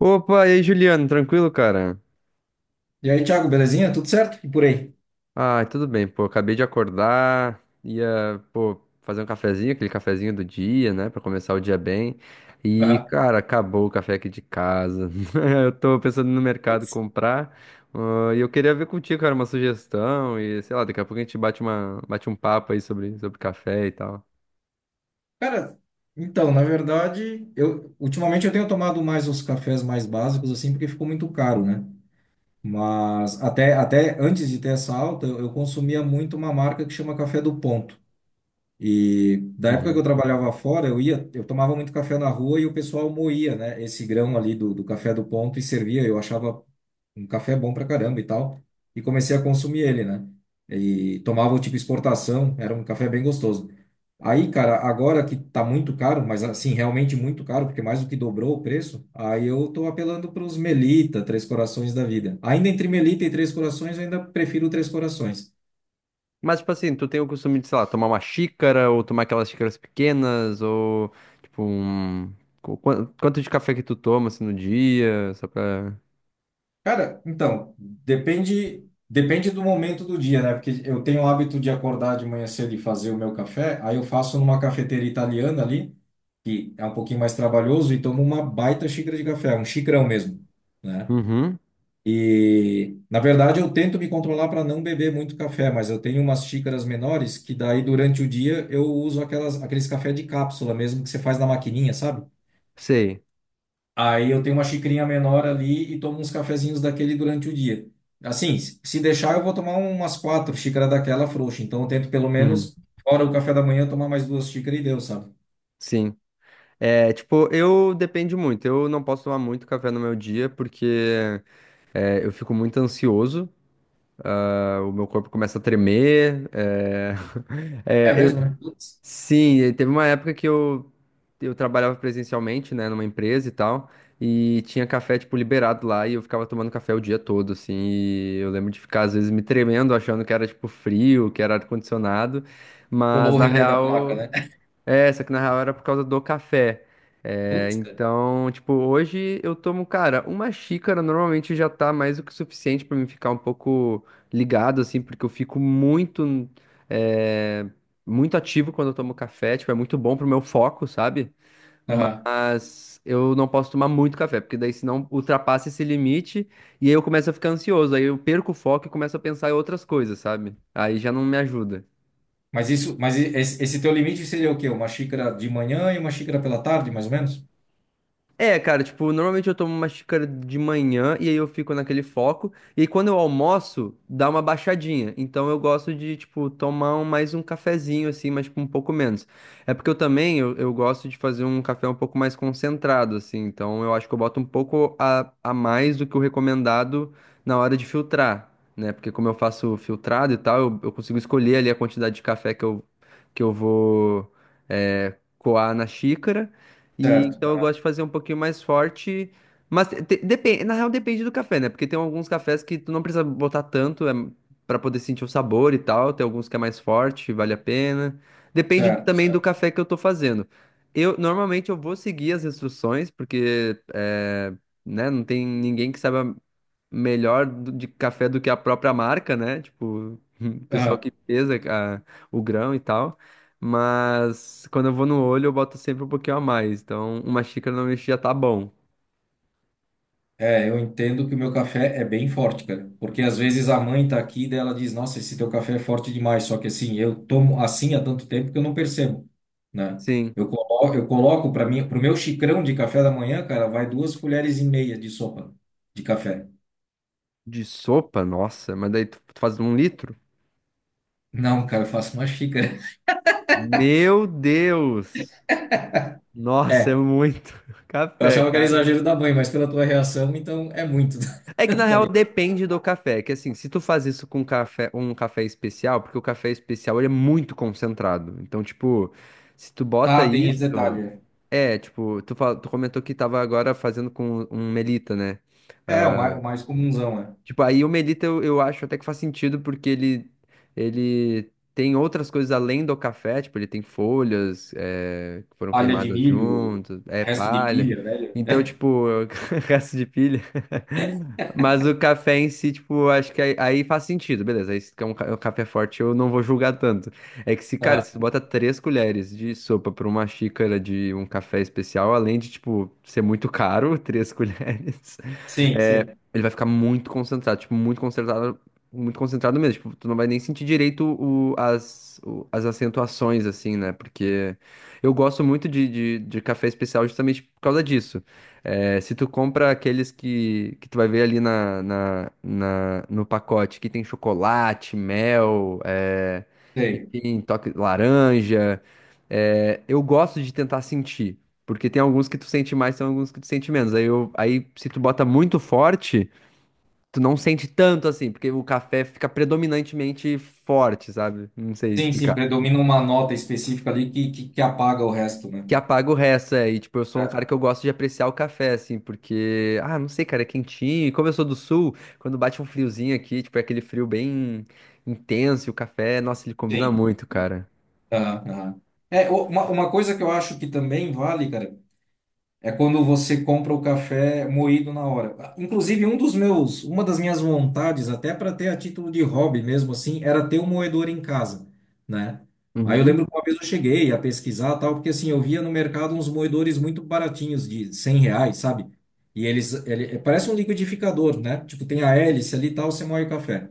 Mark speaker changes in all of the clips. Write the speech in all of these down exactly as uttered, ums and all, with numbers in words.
Speaker 1: Opa, e aí, Juliano, tranquilo, cara?
Speaker 2: E aí, Thiago, belezinha? Tudo certo? E por aí?
Speaker 1: Ah, tudo bem, pô, acabei de acordar, ia, pô, fazer um cafezinho, aquele cafezinho do dia, né, pra começar o dia bem. E,
Speaker 2: Aham.
Speaker 1: cara, acabou o café aqui de casa. Eu tô pensando no mercado
Speaker 2: Putz.
Speaker 1: comprar, ah, e eu queria ver contigo, cara, uma sugestão e, sei lá, daqui a pouco a gente bate uma, bate um papo aí sobre, sobre café e tal.
Speaker 2: Cara, então, na verdade, eu ultimamente eu tenho tomado mais os cafés mais básicos assim, porque ficou muito caro, né? Mas até até antes de ter essa alta, eu eu consumia muito uma marca que chama Café do Ponto. E da época que eu
Speaker 1: Uhum.
Speaker 2: trabalhava fora, eu ia, eu tomava muito café na rua e o pessoal moía, né, esse grão ali do, do café do ponto e servia. Eu achava um café bom pra caramba e tal. E comecei a consumir ele, né? E tomava o tipo exportação, era um café bem gostoso. Aí, cara, agora que tá muito caro, mas assim, realmente muito caro, porque mais do que dobrou o preço, aí eu tô apelando pros Melita, Três Corações da vida. Ainda entre Melita e Três Corações, eu ainda prefiro o Três Corações.
Speaker 1: Mas, tipo assim, tu tem o costume de, sei lá, tomar uma xícara ou tomar aquelas xícaras pequenas ou, tipo, um... qu- quan- Quanto de café que tu toma, assim, no dia, só pra...
Speaker 2: Cara, então, depende, depende do momento do dia, né? Porque eu tenho o hábito de acordar de manhã cedo e fazer o meu café, aí eu faço numa cafeteira italiana ali, que é um pouquinho mais trabalhoso, e tomo uma baita xícara de café, um xicrão mesmo, né?
Speaker 1: Uhum,
Speaker 2: E, na verdade, eu tento me controlar para não beber muito café, mas eu tenho umas xícaras menores que daí durante o dia eu uso aquelas, aqueles café de cápsula mesmo que você faz na maquininha, sabe?
Speaker 1: sei.
Speaker 2: Aí eu tenho uma xicrinha menor ali e tomo uns cafezinhos daquele durante o dia. Assim, se se deixar, eu vou tomar um, umas quatro xícaras daquela frouxa. Então eu tento pelo
Speaker 1: Uhum,
Speaker 2: menos, fora o café da manhã, tomar mais duas xícaras e deu, sabe?
Speaker 1: sim. É, tipo, eu depende muito. Eu não posso tomar muito café no meu dia porque é, eu fico muito ansioso. ah, O meu corpo começa a tremer. É,
Speaker 2: É mesmo, né? Putz,
Speaker 1: Sim, e teve uma época que eu, eu trabalhava presencialmente, né, numa empresa e tal, e tinha café, tipo, liberado lá, e eu ficava tomando café o dia todo, assim, e eu lembro de ficar, às vezes, me tremendo, achando que era, tipo, frio, que era ar-condicionado,
Speaker 2: colou
Speaker 1: mas,
Speaker 2: o
Speaker 1: na
Speaker 2: relé da placa,
Speaker 1: real,
Speaker 2: né?
Speaker 1: é, só que na real era por causa do café. É,
Speaker 2: Putz, cara.
Speaker 1: então, tipo, hoje eu tomo, cara, uma xícara normalmente já tá mais do que suficiente pra me ficar um pouco ligado, assim, porque eu fico muito, é, muito ativo quando eu tomo café, tipo, é muito bom pro meu foco, sabe?
Speaker 2: Aham.
Speaker 1: Mas eu não posso tomar muito café, porque daí senão ultrapassa esse limite e aí eu começo a ficar ansioso, aí eu perco o foco e começo a pensar em outras coisas, sabe? Aí já não me ajuda.
Speaker 2: Mas isso, mas e- esse, esse teu limite seria o quê? Uma xícara de manhã e uma xícara pela tarde, mais ou menos?
Speaker 1: É, cara, tipo, normalmente eu tomo uma xícara de manhã e aí eu fico naquele foco. E aí quando eu almoço, dá uma baixadinha. Então eu gosto de, tipo, tomar um- mais um cafezinho, assim, mas tipo, um pouco menos. É porque eu também, eu, eu gosto de fazer um café um pouco mais concentrado, assim. Então eu acho que eu boto um pouco a, a mais do que o recomendado na hora de filtrar, né? Porque como eu faço filtrado e tal, eu, eu consigo escolher ali a quantidade de café que eu, que eu vou, é, coar na xícara. E então
Speaker 2: Certo,
Speaker 1: eu gosto de fazer um pouquinho mais forte. Mas depende, na real depende do café, né? Porque tem alguns cafés que tu não precisa botar tanto é, para poder sentir o sabor e tal. Tem alguns que é mais forte, vale a pena. Depende
Speaker 2: certo,
Speaker 1: também do
Speaker 2: Certo.
Speaker 1: café que eu tô fazendo. Eu normalmente eu vou seguir as instruções, porque é, né, não tem ninguém que saiba melhor do- de café do que a própria marca, né? Tipo, o pessoal que
Speaker 2: Aham.
Speaker 1: pesa a- o grão e tal. Mas quando eu vou no olho, eu boto sempre um pouquinho a mais. Então, uma xícara normalmente já tá bom.
Speaker 2: É, eu entendo que o meu café é bem forte, cara. Porque às vezes a mãe tá aqui e daí ela diz, nossa, esse teu café é forte demais. Só que assim, eu tomo assim há tanto tempo que eu não percebo, né?
Speaker 1: Sim.
Speaker 2: Eu coloco, eu coloco para mim, pro meu xicrão de café da manhã, cara, vai duas colheres e meia de sopa de café.
Speaker 1: De sopa? Nossa, mas daí tu, tu faz um litro?
Speaker 2: Não, cara, eu faço uma xícara.
Speaker 1: Meu Deus! Nossa, é
Speaker 2: É,
Speaker 1: muito
Speaker 2: eu
Speaker 1: café,
Speaker 2: achava que era
Speaker 1: cara.
Speaker 2: exagero da mãe, mas pela tua reação, então é muito,
Speaker 1: É que na
Speaker 2: tá
Speaker 1: real
Speaker 2: ligado?
Speaker 1: depende do café. É que assim, se tu faz isso com café, um café especial, porque o café especial ele é muito concentrado. Então, tipo, se tu bota
Speaker 2: Ah, tem
Speaker 1: isso,
Speaker 2: esse detalhe.
Speaker 1: é, tipo, tu, fal- tu comentou que tava agora fazendo com um Melita, né?
Speaker 2: É, é, o mais, o mais comunzão, é.
Speaker 1: Tipo, aí o Melita eu, eu acho até que faz sentido, porque ele, ele tem outras coisas além do café, tipo, ele tem folhas eh, que foram
Speaker 2: Palha de
Speaker 1: queimadas
Speaker 2: milho,
Speaker 1: juntos, é
Speaker 2: resto de
Speaker 1: palha.
Speaker 2: pilha, velho.
Speaker 1: Então, tipo, resto de pilha. Mas o café em si, tipo, acho que aí, aí faz sentido, beleza. Aí se é um, ca- é um café forte, eu não vou julgar tanto. É que se, cara, se tu
Speaker 2: Aham.
Speaker 1: bota três colheres de sopa pra uma xícara de um café especial, além de, tipo, ser muito caro, três colheres.
Speaker 2: Sim, sim.
Speaker 1: Ele vai ficar muito concentrado, tipo, muito concentrado, muito concentrado mesmo. Tipo, tu não vai nem sentir direito o, as, o- as acentuações, assim, né? Porque eu gosto muito de, de, de café especial justamente por causa disso. É, se tu compra aqueles que, que tu vai ver ali na, na, na- no pacote, que tem chocolate, mel, é,
Speaker 2: Sei.
Speaker 1: enfim, toque laranja. É, eu gosto de tentar sentir. Porque tem alguns que tu sente mais, tem alguns que tu sente menos. Aí, eu, aí se tu bota muito forte, tu não sente tanto assim, porque o café fica predominantemente forte, sabe? Não sei
Speaker 2: Sim, sim,
Speaker 1: explicar.
Speaker 2: predomina uma nota específica ali que, que, que apaga o resto, né?
Speaker 1: Que apaga o resto, é. E, tipo, eu sou um cara
Speaker 2: Né?
Speaker 1: que eu gosto de apreciar o café, assim, porque, ah, não sei, cara, é quentinho. E como eu sou do sul, quando bate um friozinho aqui, tipo, é aquele frio bem intenso, e o café, nossa, ele combina
Speaker 2: Sim.
Speaker 1: muito, cara.
Speaker 2: Aham, aham. É, o- uma, uma coisa que eu acho que também vale, cara, é quando você compra o café moído na hora. Inclusive, um dos meus, uma das minhas vontades, até para ter a título de hobby mesmo assim, era ter um moedor em casa, né? Aí eu
Speaker 1: Uhum,
Speaker 2: lembro que uma vez eu cheguei a pesquisar tal, porque assim, eu via no mercado uns moedores muito baratinhos, de cem reais, sabe? E eles, ele, é, parece um liquidificador, né? Tipo, tem a hélice ali e tal, você moe o café.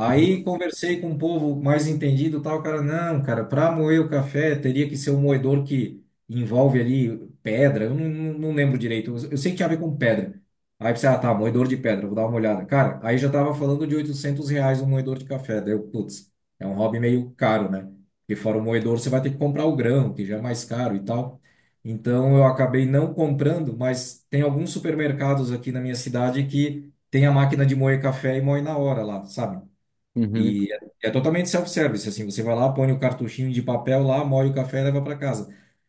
Speaker 2: Aí
Speaker 1: uhum,
Speaker 2: conversei com um povo mais entendido, e tal, o cara, não, cara, para moer o café teria que ser um moedor que envolve ali pedra, eu não, não não lembro direito, eu eu sei que tinha a ver com pedra. Aí pensei, ah, tá, moedor de pedra, vou dar uma olhada. Cara, aí já tava falando de oitocentos reais um moedor de café, daí eu, putz, é um hobby meio caro, né? Porque fora o moedor você vai ter que comprar o grão, que já é mais caro e tal. Então eu acabei não comprando, mas tem alguns supermercados aqui na minha cidade que tem a máquina de moer café e moe na hora lá, sabe?
Speaker 1: uhum.
Speaker 2: E é é totalmente self-service, assim, você vai lá, põe o cartuchinho de papel lá, moe o café e leva para casa.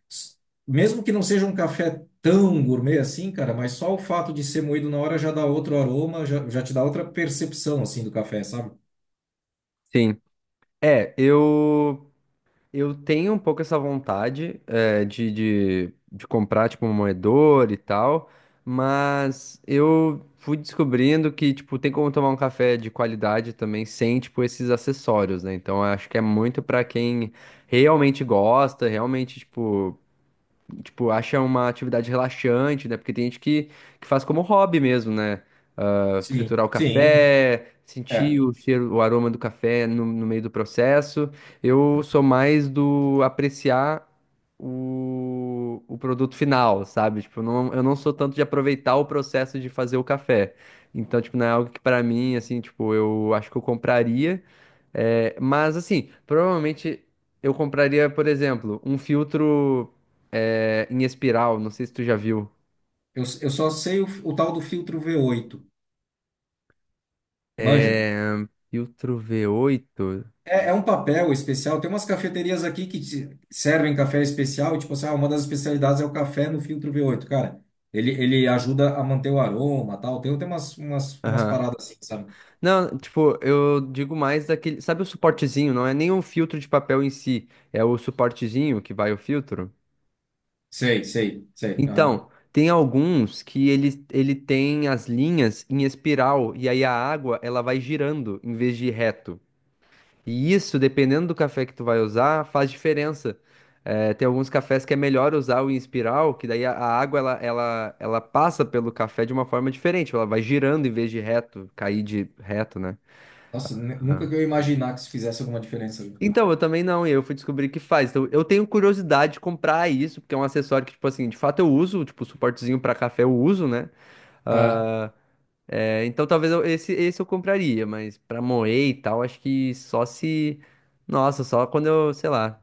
Speaker 2: S- Mesmo que não seja um café tão gourmet assim, cara, mas só o fato de ser moído na hora já dá outro aroma, já, já te dá outra percepção, assim, do café, sabe?
Speaker 1: Sim. É, eu. Eu tenho um pouco essa vontade eh, de, de, de comprar, tipo, um moedor e tal, mas eu fui descobrindo que, tipo, tem como tomar um café de qualidade também sem, tipo, esses acessórios, né? Então, eu acho que é muito pra quem realmente gosta, realmente, tipo, tipo, acha uma atividade relaxante, né? Porque tem gente que, que faz como hobby mesmo, né? Ah,
Speaker 2: Sim,
Speaker 1: triturar o
Speaker 2: sim.
Speaker 1: café, sentir
Speaker 2: É,
Speaker 1: o cheiro, o aroma do café no, no meio do processo. Eu sou mais do apreciar o, o produto final, sabe? Tipo, eu não, eu não sou tanto de aproveitar o processo de fazer o café. Então, tipo, não é algo que pra mim, assim, tipo, eu acho que eu compraria. É, mas, assim, provavelmente eu compraria, por exemplo, um filtro é, em espiral, não sei se tu já viu.
Speaker 2: eu, eu só sei o, o tal do filtro V oito, manja?
Speaker 1: É, filtro v oito.
Speaker 2: É, é um papel especial. Tem umas cafeterias aqui que te- servem café especial, tipo assim, ah, uma das especialidades é o café no filtro V oito, cara. Ele, ele ajuda a manter o aroma, tal. Tem, tem umas, umas, umas
Speaker 1: Aham.
Speaker 2: paradas assim, sabe?
Speaker 1: Não, tipo, eu digo mais daquele. Sabe o suportezinho? Não é nem o filtro de papel em si, é o suportezinho que vai o filtro.
Speaker 2: Sei, sei, sei. Aham.
Speaker 1: Então, tem alguns que ele, ele tem as linhas em espiral, e aí a água ela vai girando em vez de reto. E isso, dependendo do café que tu vai usar, faz diferença. Eh, tem alguns cafés que é melhor usar o em espiral, que daí a, a água ela, ela, ela passa pelo café de uma forma diferente, ela vai girando em vez de reto, cair de reto, né?
Speaker 2: Nossa, nu- nunca
Speaker 1: Ah.
Speaker 2: que eu ia imaginar que isso fizesse alguma diferença.
Speaker 1: Então, eu também não, e eu fui descobrir que faz. Então, eu tenho curiosidade de comprar isso, porque é um acessório que, tipo assim, de fato eu uso, tipo, suportezinho pra café eu uso, né?
Speaker 2: Aham.
Speaker 1: Ah, é, então, talvez eu- esse, esse eu compraria, mas pra moer e tal, acho que só se. Nossa, só quando eu, sei lá.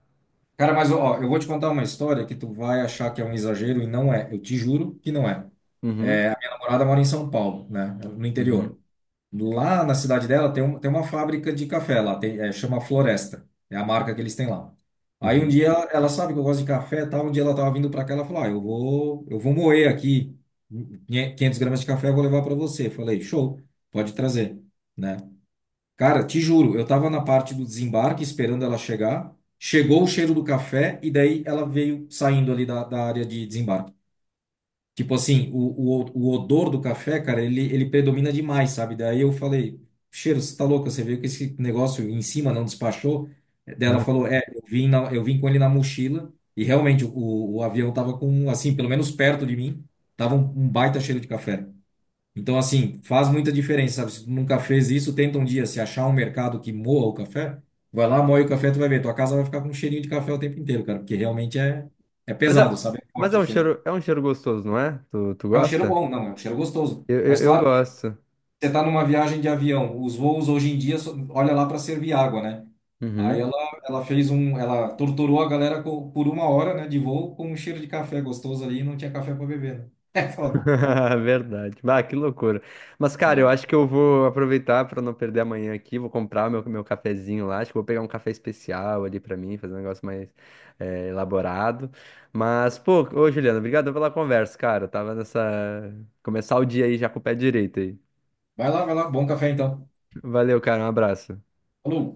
Speaker 2: Cara, mas ó, eu vou te contar uma história que tu vai achar que é um exagero e não é. Eu te juro que não é. Minha
Speaker 1: Uhum.
Speaker 2: namorada mora em São Paulo, né? No
Speaker 1: Uhum,
Speaker 2: interior. Lá na cidade dela tem, um, tem uma fábrica de café lá, tem, é, chama Floresta, é a marca que eles têm lá. Aí um
Speaker 1: uhum.
Speaker 2: dia ela, ela sabe que eu gosto de café, e tal, um dia ela tava vindo para cá, ela falou: "Ah, eu vou, eu vou moer aqui quinhentas gramas de café, eu vou levar para você". Eu falei: "Show, pode trazer", né? Cara, te juro, eu tava na parte do desembarque esperando ela chegar. Chegou o cheiro do café e daí ela veio saindo ali da, da área de desembarque. Tipo assim, o, o, o odor do café, cara, ele, ele predomina demais, sabe? Daí eu falei, cheiro, você tá louca? Você viu que esse negócio em cima não despachou? Daí ela falou, é, eu vim, na- eu vim com ele na mochila e realmente o, o avião tava com, assim, pelo menos perto de mim, tava um, um baita cheiro de café. Então, assim, faz muita diferença, sabe? Se tu nunca fez isso, tenta um dia, se achar um mercado que moa o café, vai lá, moe o café, tu vai ver, tua casa vai ficar com um cheirinho de café o tempo inteiro, cara, porque realmente é, é
Speaker 1: Mas
Speaker 2: pesado,
Speaker 1: é,
Speaker 2: sabe? É
Speaker 1: mas
Speaker 2: forte
Speaker 1: é
Speaker 2: o
Speaker 1: um
Speaker 2: cheiro.
Speaker 1: cheiro, é um cheiro gostoso, não é? Tu, tu
Speaker 2: É um cheiro
Speaker 1: gosta?
Speaker 2: bom, não, é um cheiro gostoso.
Speaker 1: Eu, eu,
Speaker 2: Mas
Speaker 1: eu
Speaker 2: claro que
Speaker 1: gosto.
Speaker 2: você está numa viagem de avião, os voos hoje em dia, só- olha lá para servir água, né? Aí
Speaker 1: Uhum.
Speaker 2: ela, ela fez um, ela torturou a galera co- por uma hora, né, de voo com um cheiro de café gostoso ali e não tinha café para beber, né? É foda.
Speaker 1: Verdade. Bah, que loucura. Mas, cara, eu
Speaker 2: É.
Speaker 1: acho que eu vou aproveitar para não perder amanhã aqui. Vou comprar o meu, meu cafezinho lá. Acho que vou pegar um café especial ali para mim, fazer um negócio mais eh, elaborado. Mas, pô, ô Juliana, obrigado pela conversa, cara. Eu tava nessa. Começar o dia aí já com o pé direito aí.
Speaker 2: Vai lá, vai lá, bom café então.
Speaker 1: Valeu, cara. Um abraço.
Speaker 2: Falou.